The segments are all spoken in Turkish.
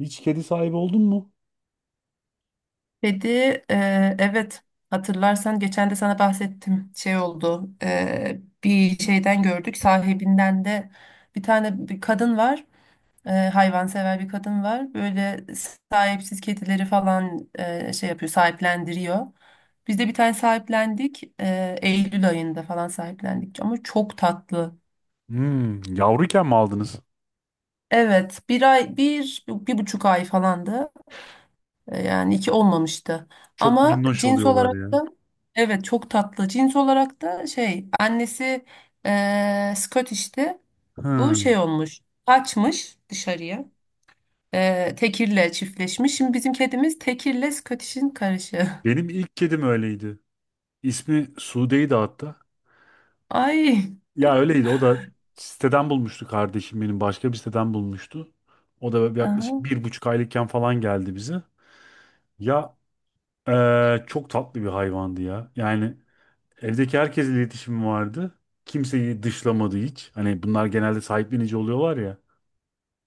Hiç kedi sahibi oldun mu? Kedi, evet hatırlarsan geçen de sana bahsettim şey oldu, bir şeyden gördük sahibinden de. Bir tane bir kadın var, hayvansever bir kadın var böyle, sahipsiz kedileri falan, şey yapıyor, sahiplendiriyor. Biz de bir tane sahiplendik, Eylül ayında falan sahiplendik ama çok tatlı. Hmm, yavruyken mi aldınız? Evet, bir ay, bir buçuk ay falandı. Yani iki olmamıştı. Çok Ama minnoş cins oluyorlar olarak ya. da evet çok tatlı. Cins olarak da şey annesi, Scottish'ti. Bu Hmm. şey olmuş. Kaçmış dışarıya. Tekirle çiftleşmiş. Şimdi bizim kedimiz tekirle Scottish'in karışı. Benim ilk kedim öyleydi. İsmi Sude'ydi hatta. Ay. Ya öyleydi. O da siteden bulmuştu kardeşim benim. Başka bir siteden bulmuştu. O da yaklaşık Aha. bir buçuk aylıkken falan geldi bize. Ya çok tatlı bir hayvandı ya. Yani evdeki herkesle iletişim vardı. Kimseyi dışlamadı hiç. Hani bunlar genelde sahiplenici oluyorlar ya.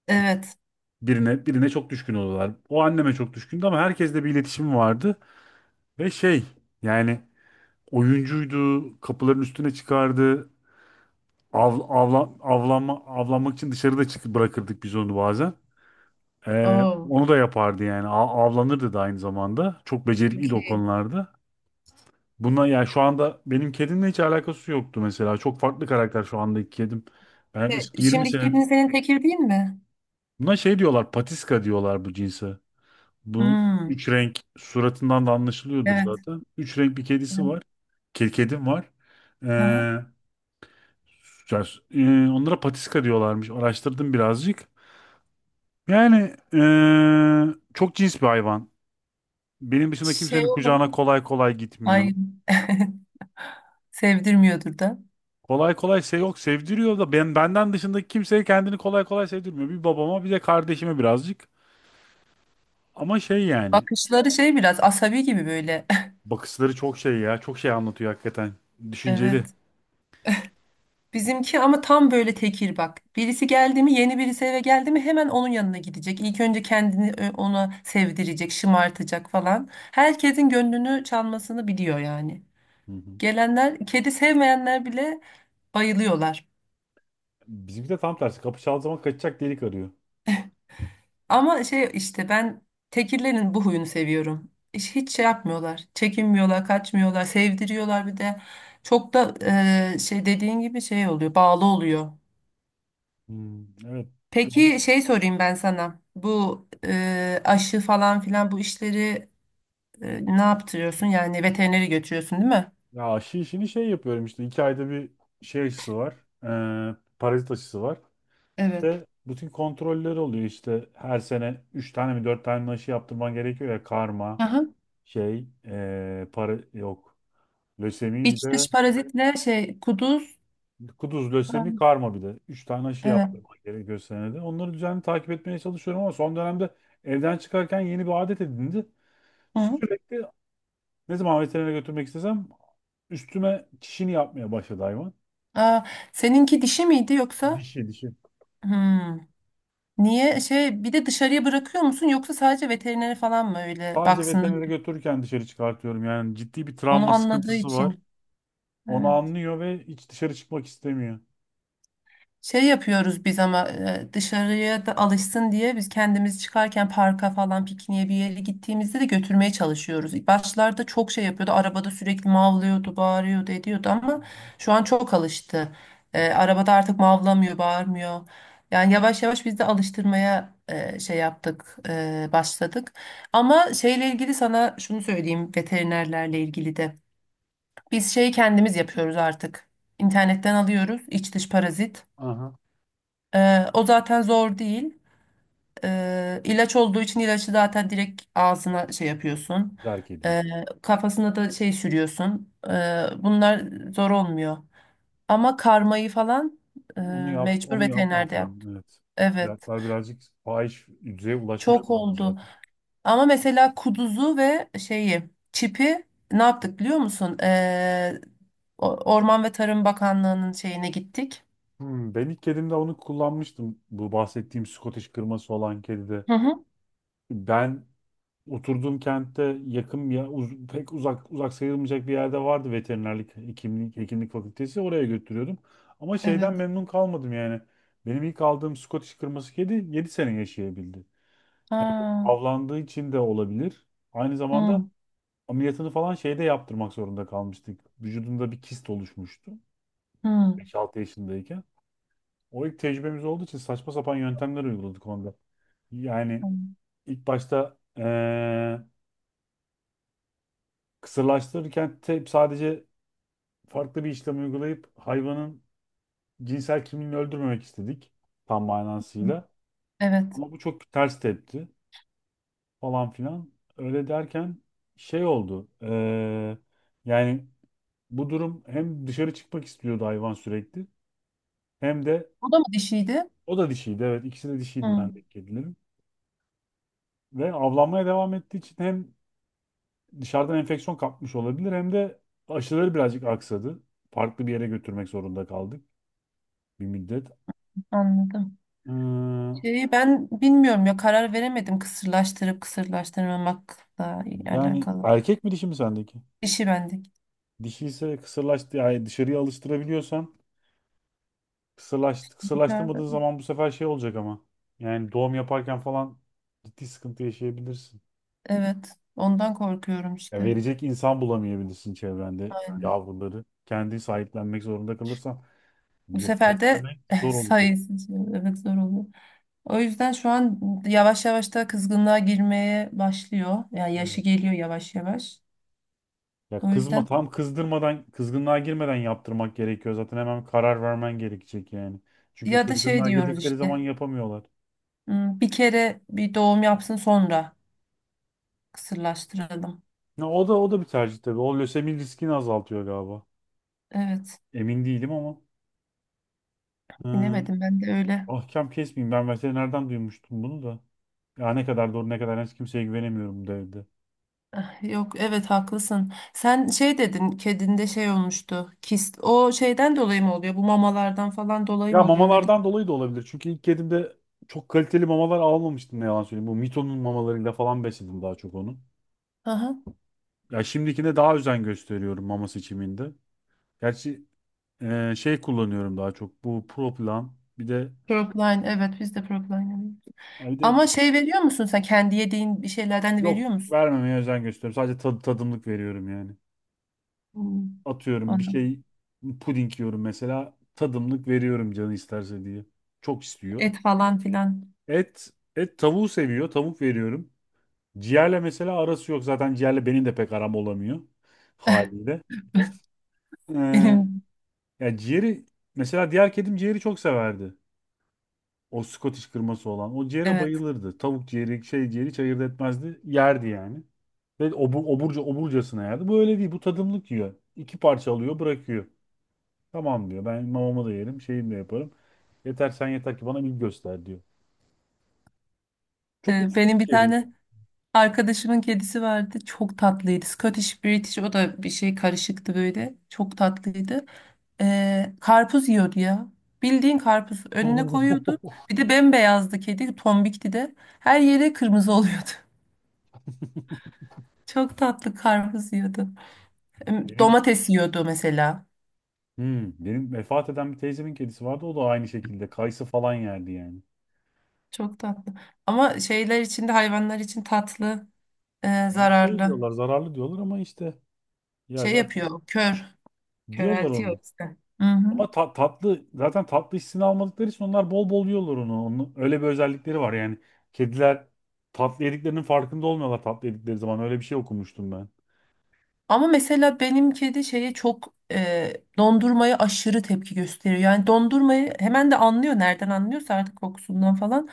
Evet. Birine çok düşkün oldular. O anneme çok düşkündü ama herkesle bir iletişim vardı ve şey yani oyuncuydu, kapıların üstüne çıkardı. Av, avla, avlanma, avlanmak için dışarıda çık bırakırdık biz onu bazen. Ee, Oo. onu da yapardı yani. Avlanırdı da aynı zamanda. Çok Çok becerikliydi o iyi. konularda. Bunlar yani şu anda benim kedimle hiç alakası yoktu mesela. Çok farklı karakter şu andaki kedim. Ben yaklaşık 20 Şimdiki sene. kedin senin tekir değil mi? Buna şey diyorlar, patiska diyorlar bu cinse. Bu Hmm. üç renk suratından da anlaşılıyordur Evet. zaten. Üç renk bir kedisi Evet. var. Kedim var. Aha. Ee, ya, onlara patiska diyorlarmış. Araştırdım birazcık. Yani çok cins bir hayvan. Benim dışında Şey kimsenin kucağına olabilir. kolay kolay Ay. gitmiyor. Sevdirmiyordur da. Kolay kolay şey yok sevdiriyor da benden dışındaki kimseye kendini kolay kolay sevdirmiyor. Bir babama bir de kardeşime birazcık. Ama şey yani Bakışları şey biraz asabi gibi böyle. bakışları çok şey ya çok şey anlatıyor hakikaten. Düşünceli. Evet. Bizimki ama tam böyle tekir bak. Birisi geldi mi, yeni birisi eve geldi mi hemen onun yanına gidecek. İlk önce kendini ö- ona sevdirecek, şımartacak falan. Herkesin gönlünü çalmasını biliyor yani. Hı hı. Gelenler, kedi sevmeyenler bile bayılıyorlar. Bizimki de tam tersi. Kapı çaldığı zaman kaçacak delik arıyor. Ama şey işte ben tekirlerin bu huyunu seviyorum. Hiç şey yapmıyorlar. Çekinmiyorlar, kaçmıyorlar, sevdiriyorlar bir de. Çok da, şey dediğin gibi şey oluyor, bağlı oluyor. Hmm. Evet. Bir Peki onun- şey sorayım ben sana. Bu, aşı falan filan, bu işleri, ne yaptırıyorsun? Yani veterineri götürüyorsun değil mi? Ya aşı işini şey yapıyorum işte. İki ayda bir şey aşısı var. Parazit aşısı var. Evet. Ve bütün kontrolleri oluyor işte. Her sene üç tane mi dört tane mi aşı yaptırman gerekiyor ya. Karma, Aha. şey, ee, para yok. Lösemi bir İç de dış parazitle şey kuduz. kuduz lösemi Aa. karma bir de. Üç tane aşı Evet. yaptırman gerekiyor senede. Onları düzenli takip etmeye çalışıyorum ama son dönemde evden çıkarken yeni bir adet edindi. Hı. Sürekli ne zaman veterinere götürmek istesem üstüme çişini yapmaya başladı hayvan. Aa, seninki dişi miydi yoksa? Dişi dişi. Hmm. Niye şey bir de dışarıya bırakıyor musun yoksa sadece veterinere falan mı öyle Sadece baksın? veterinere götürürken dışarı çıkartıyorum. Yani ciddi bir Onu travma anladığı sıkıntısı var. için. Onu Evet. anlıyor ve hiç dışarı çıkmak istemiyor. Şey yapıyoruz biz ama, dışarıya da alışsın diye biz kendimiz çıkarken parka falan, pikniğe bir yere gittiğimizde de götürmeye çalışıyoruz. Başlarda çok şey yapıyordu. Arabada sürekli mavlıyordu, bağırıyordu, ediyordu ama şu an çok alıştı. Arabada artık mavlamıyor, bağırmıyor. Yani yavaş yavaş biz de alıştırmaya, şey yaptık, başladık. Ama şeyle ilgili sana şunu söyleyeyim, veterinerlerle ilgili de. Biz şeyi kendimiz yapıyoruz artık. İnternetten alıyoruz iç dış parazit. Aha. O zaten zor değil. İlaç olduğu için ilacı zaten direkt ağzına şey yapıyorsun. Terk Ee, ediyoruz. Kafasına da şey sürüyorsun. Bunlar zor olmuyor. Ama karmayı falan, e, Onu yap, mecbur onu veterinerde yapmak lazım. yaptım. Evet. Evet. Fiyatlar birazcık fahiş düzeye ulaşmış Çok durumda oldu. zaten. Ama mesela kuduzu ve şeyi, çipi ne yaptık biliyor musun? Orman ve Tarım Bakanlığı'nın şeyine gittik. Hmm, ben ilk kedimde onu kullanmıştım. Bu bahsettiğim Scottish kırması olan kedide. Hı hı. Ben oturduğum kentte yakın ya pek uzak sayılmayacak bir yerde vardı veterinerlik hekimlik fakültesi oraya götürüyordum. Ama şeyden Evet. memnun kalmadım yani. Benim ilk aldığım Scottish kırması kedi 7 sene yaşayabildi. Ha. Avlandığı için de olabilir. Aynı zamanda Hı, ameliyatını falan şeyde yaptırmak zorunda kalmıştık. Vücudunda bir kist oluşmuştu 5-6 yaşındayken. O ilk tecrübemiz olduğu için saçma sapan yöntemler uyguladık onda. Yani hı. ilk başta kısırlaştırırken hep sadece farklı bir işlem uygulayıp hayvanın cinsel kimliğini öldürmemek istedik tam manasıyla. Evet. Ama bu çok ters tepti falan filan. Öyle derken şey oldu. Yani bu durum hem dışarı çıkmak istiyordu hayvan sürekli hem de O da mı dişiydi? o da dişiydi. Evet ikisi de dişiydi Hı, bendeki kedilerim. Ve avlanmaya devam ettiği için hem dışarıdan enfeksiyon kapmış olabilir hem de aşıları birazcık aksadı. Farklı bir yere götürmek zorunda kaldık bir müddet. anladım. Ee, Şeyi ben bilmiyorum ya, karar veremedim kısırlaştırıp kısırlaştırmamakla yani alakalı. erkek mi dişi mi sendeki? Dişi bende. Dişi ise kısırlaştı yani dışarıya alıştırabiliyorsan kısırlaştı Nerede? kısırlaştırmadığın zaman bu sefer şey olacak ama. Yani doğum yaparken falan ciddi sıkıntı yaşayabilirsin. Evet. Ondan korkuyorum Ya işte. verecek insan bulamayabilirsin çevrende Aynen. yavruları. Kendi sahiplenmek zorunda kalırsan Bu bir sefer de beslemek zor olacak. sayısı için, evet, zor oluyor. O yüzden şu an yavaş yavaş da kızgınlığa girmeye başlıyor. Yani yaşı Evet. geliyor yavaş yavaş. Ya O yüzden tam kızdırmadan kızgınlığa girmeden yaptırmak gerekiyor. Zaten hemen karar vermen gerekecek yani. Çünkü ya da şey kızgınlığa diyoruz girdikleri zaman işte. yapamıyorlar. Hmm, bir kere bir doğum yapsın sonra kısırlaştıralım. Ya o da bir tercih tabii. O lösemi riskini azaltıyor galiba. Evet. Emin değilim ama. Ee, Bilemedim ben de öyle. ahkam kesmeyeyim. Ben veterinerden duymuştum bunu da. Ya ne kadar doğru ne kadar yanlış kimseye güvenemiyorum bu devirde. Ah. Yok, evet, haklısın. Sen şey dedin, kedinde şey olmuştu. Kist. O şeyden dolayı mı oluyor? Bu mamalardan falan dolayı Ya mı oluyor? Neden? mamalardan dolayı da olabilir. Çünkü ilk kedimde çok kaliteli mamalar almamıştım ne yalan söyleyeyim. Bu Mito'nun mamalarıyla falan besledim daha çok onu. Aha. Ya şimdikine daha özen gösteriyorum mama seçiminde. Gerçi şey kullanıyorum daha çok. Bu Proplan. Bir de Propline, evet, biz de propline alıyoruz. bir de Ama şey veriyor musun sen, kendi yediğin bir şeylerden de yok veriyor musun? vermemeye özen gösteriyorum. Sadece tadımlık veriyorum yani. Hmm. Atıyorum bir Anladım. şey puding yiyorum mesela tadımlık veriyorum canı isterse diye. Çok istiyor. Et falan filan. Et tavuğu seviyor. Tavuk veriyorum. Ciğerle mesela arası yok. Zaten ciğerle benim de pek aram olamıyor haliyle. Ee, Benim ciğeri mesela diğer kedim ciğeri çok severdi. O Scottish kırması olan. O ciğere evet. bayılırdı. Tavuk ciğeri, şey ciğeri hiç ayırt etmezdi. Yerdi yani. Ve oburcasına yerdi. Bu öyle değil. Bu tadımlık yiyor. İki parça alıyor, bırakıyor. Tamam diyor. Ben mamamı da yerim. Şeyimi de yaparım. Yeter sen yeter ki bana ilgi göster diyor. Çok uslu bir Benim bir kedi. tane arkadaşımın kedisi vardı. Çok tatlıydı. Scottish British, o da bir şey karışıktı böyle. Çok tatlıydı. Karpuz yiyordu ya. Bildiğin karpuz önüne koyuyordu. Bir de bembeyazdı kedi. Tombikti de. Her yere kırmızı oluyordu. Çok tatlı, karpuz yiyordu. Em, Benim domates yiyordu mesela. Benim vefat eden bir teyzemin kedisi vardı. O da aynı şekilde kayısı falan yerdi yani. Çok tatlı. Ama şeyler için de, hayvanlar için tatlı, Şey zararlı. diyorlar zararlı diyorlar ama işte ya Şey zaten yapıyor, diyorlar köreltiyor onu. işte. Hı hı. Ama tatlı zaten tatlı hissini almadıkları için onlar bol bol yiyorlar onu. Onun öyle bir özellikleri var yani. Kediler tatlı yediklerinin farkında olmuyorlar tatlı yedikleri zaman. Öyle bir şey okumuştum ben. Ama mesela benim kedi şeye çok, dondurmaya aşırı tepki gösteriyor. Yani dondurmayı hemen de anlıyor. Nereden anlıyorsa artık, kokusundan falan.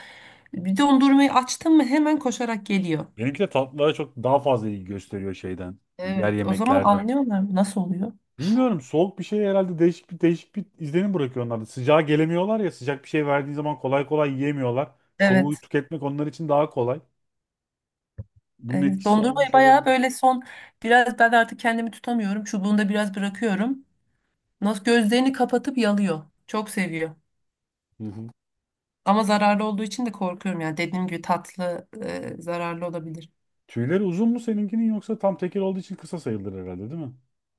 Bir dondurmayı açtın mı hemen koşarak geliyor. Benimki de tatlılara çok daha fazla ilgi gösteriyor şeyden. Diğer Evet. O zaman yemeklerden. anlıyorlar mı? Nasıl oluyor? Bilmiyorum soğuk bir şey herhalde değişik bir izlenim bırakıyor onlarda. Sıcağa gelemiyorlar ya sıcak bir şey verdiğin zaman kolay kolay yiyemiyorlar. Soğuğu Evet. tüketmek onlar için daha kolay. Bunun Evet. etkisi Dondurmayı olmuş bayağı olabilir. böyle son biraz ben artık kendimi tutamıyorum. Çubuğunda biraz bırakıyorum. Nasıl gözlerini kapatıp yalıyor. Çok seviyor. Hı hı. Ama zararlı olduğu için de korkuyorum yani. Dediğim gibi tatlı, zararlı olabilir. Tüyleri uzun mu seninkinin yoksa tam tekir olduğu için kısa sayılır herhalde değil mi?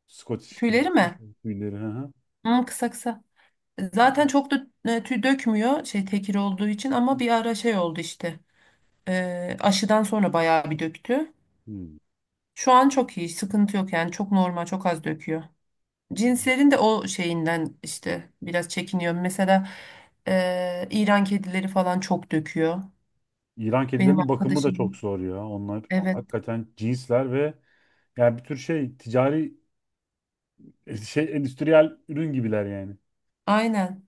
Scottish Tüyleri kırması mi? tüyleri. Hı hı. Hmm, kısa kısa. Zaten çok da, tüy dökmüyor şey tekir olduğu için, ama bir ara şey oldu işte. Aşıdan sonra bayağı bir döktü. Hmm. Şu an çok iyi, sıkıntı yok yani, çok normal, çok az döküyor. Cinslerin de o şeyinden işte biraz çekiniyorum. Mesela, İran kedileri falan çok döküyor. İran Benim kedilerinin bakımı da çok arkadaşım zor ya. Onlar evet, hakikaten cinsler ve yani bir tür şey ticari şey endüstriyel ürün gibiler yani. aynen.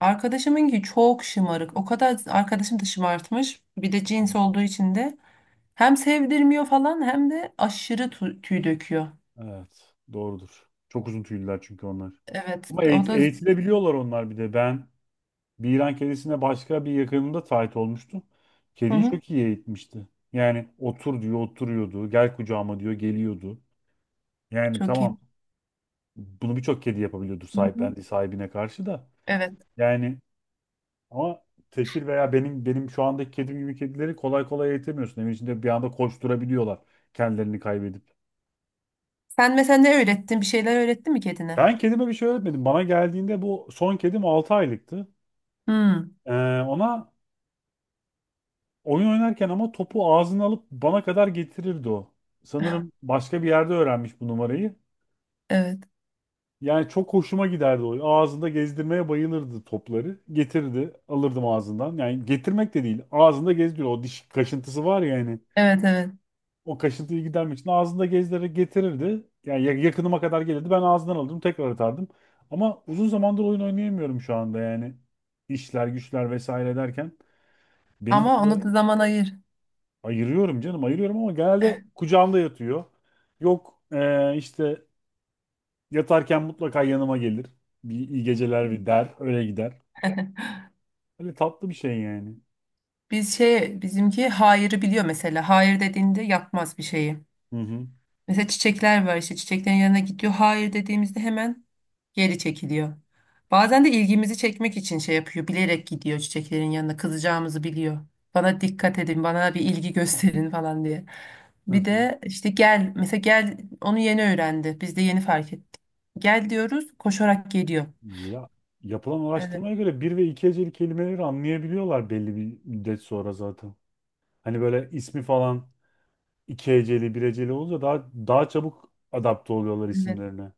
Arkadaşımınki çok şımarık. O kadar arkadaşım da şımartmış. Bir de cins Hmm. olduğu için de hem sevdirmiyor falan hem de aşırı tüy döküyor. Evet, doğrudur. Çok uzun tüylüler çünkü onlar. Evet, Ama o da eğitilebiliyorlar onlar bir de. Ben bir İran kedisine başka bir yakınımda tahit olmuştum. hı Kediyi hı, çok iyi eğitmişti. Yani otur diyor, oturuyordu. Gel kucağıma diyor, geliyordu. Yani çok iyi. tamam bunu birçok kedi yapabiliyordur Hı hı. sahiplendiği sahibine karşı da. Evet. Yani ama tekir veya benim şu andaki kedim gibi kedileri kolay kolay eğitemiyorsun. Evin içinde bir anda koşturabiliyorlar kendilerini kaybedip. Sen mesela ne öğrettin? Bir şeyler öğrettin mi kedine? Ben kedime bir şey öğretmedim. Bana geldiğinde bu son kedim 6 aylıktı. Hmm, Ee, ona oyun oynarken ama topu ağzına alıp bana kadar getirirdi o. Sanırım başka bir yerde öğrenmiş bu numarayı. evet. Yani çok hoşuma giderdi o. Ağzında gezdirmeye bayılırdı topları. Getirdi, alırdım ağzından. Yani getirmek de değil, ağzında gezdiriyor. O diş kaşıntısı var ya yani. Evet, evet. O kaşıntıyı gidermek için ağzında gezdirerek getirirdi. Yani yakınıma kadar gelirdi. Ben ağzından alırdım, tekrar atardım. Ama uzun zamandır oyun oynayamıyorum şu anda yani. İşler, güçler vesaire derken benim bir Ama süre onu da zaman ayır. ayırıyorum canım, ayırıyorum ama genelde kucağımda yatıyor. Yok işte yatarken mutlaka yanıma gelir. Bir iyi geceler bir der, öyle gider. Öyle tatlı bir şey yani. Biz şey, bizimki hayırı biliyor mesela. Hayır dediğinde yapmaz bir şeyi. Hı hı. Mesela çiçekler var işte, çiçeklerin yanına gidiyor. Hayır dediğimizde hemen geri çekiliyor. Bazen de ilgimizi çekmek için şey yapıyor. Bilerek gidiyor çiçeklerin yanına. Kızacağımızı biliyor. Bana dikkat edin, bana bir ilgi gösterin falan diye. Hı Bir hı. de işte gel, mesela gel, onu yeni öğrendi. Biz de yeni fark ettik. Gel diyoruz, koşarak geliyor. Ya yapılan Evet, araştırmaya göre bir ve iki heceli kelimeleri anlayabiliyorlar belli bir müddet sonra zaten. Hani böyle ismi falan iki heceli, bir heceli olunca daha çabuk adapte oluyorlar evet. isimlerine.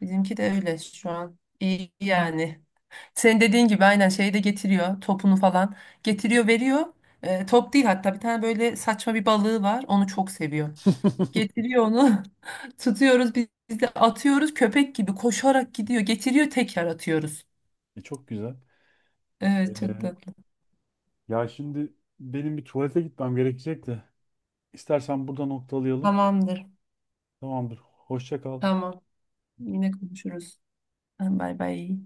Bizimki de öyle şu an. İyi yani. Senin dediğin gibi aynen şeyi de getiriyor. Topunu falan. Getiriyor, veriyor. Top değil hatta, bir tane böyle saçma bir balığı var. Onu çok seviyor. Getiriyor onu. Tutuyoruz biz de atıyoruz, köpek gibi koşarak gidiyor. Getiriyor, tekrar atıyoruz. Çok güzel. Evet, çok Ee, tatlı. ya şimdi benim bir tuvalete gitmem gerekecek de. İstersen burada noktalayalım. Tamamdır. Tamamdır. Hoşça kal. Tamam. Yine konuşuruz. Tamam, bay bay.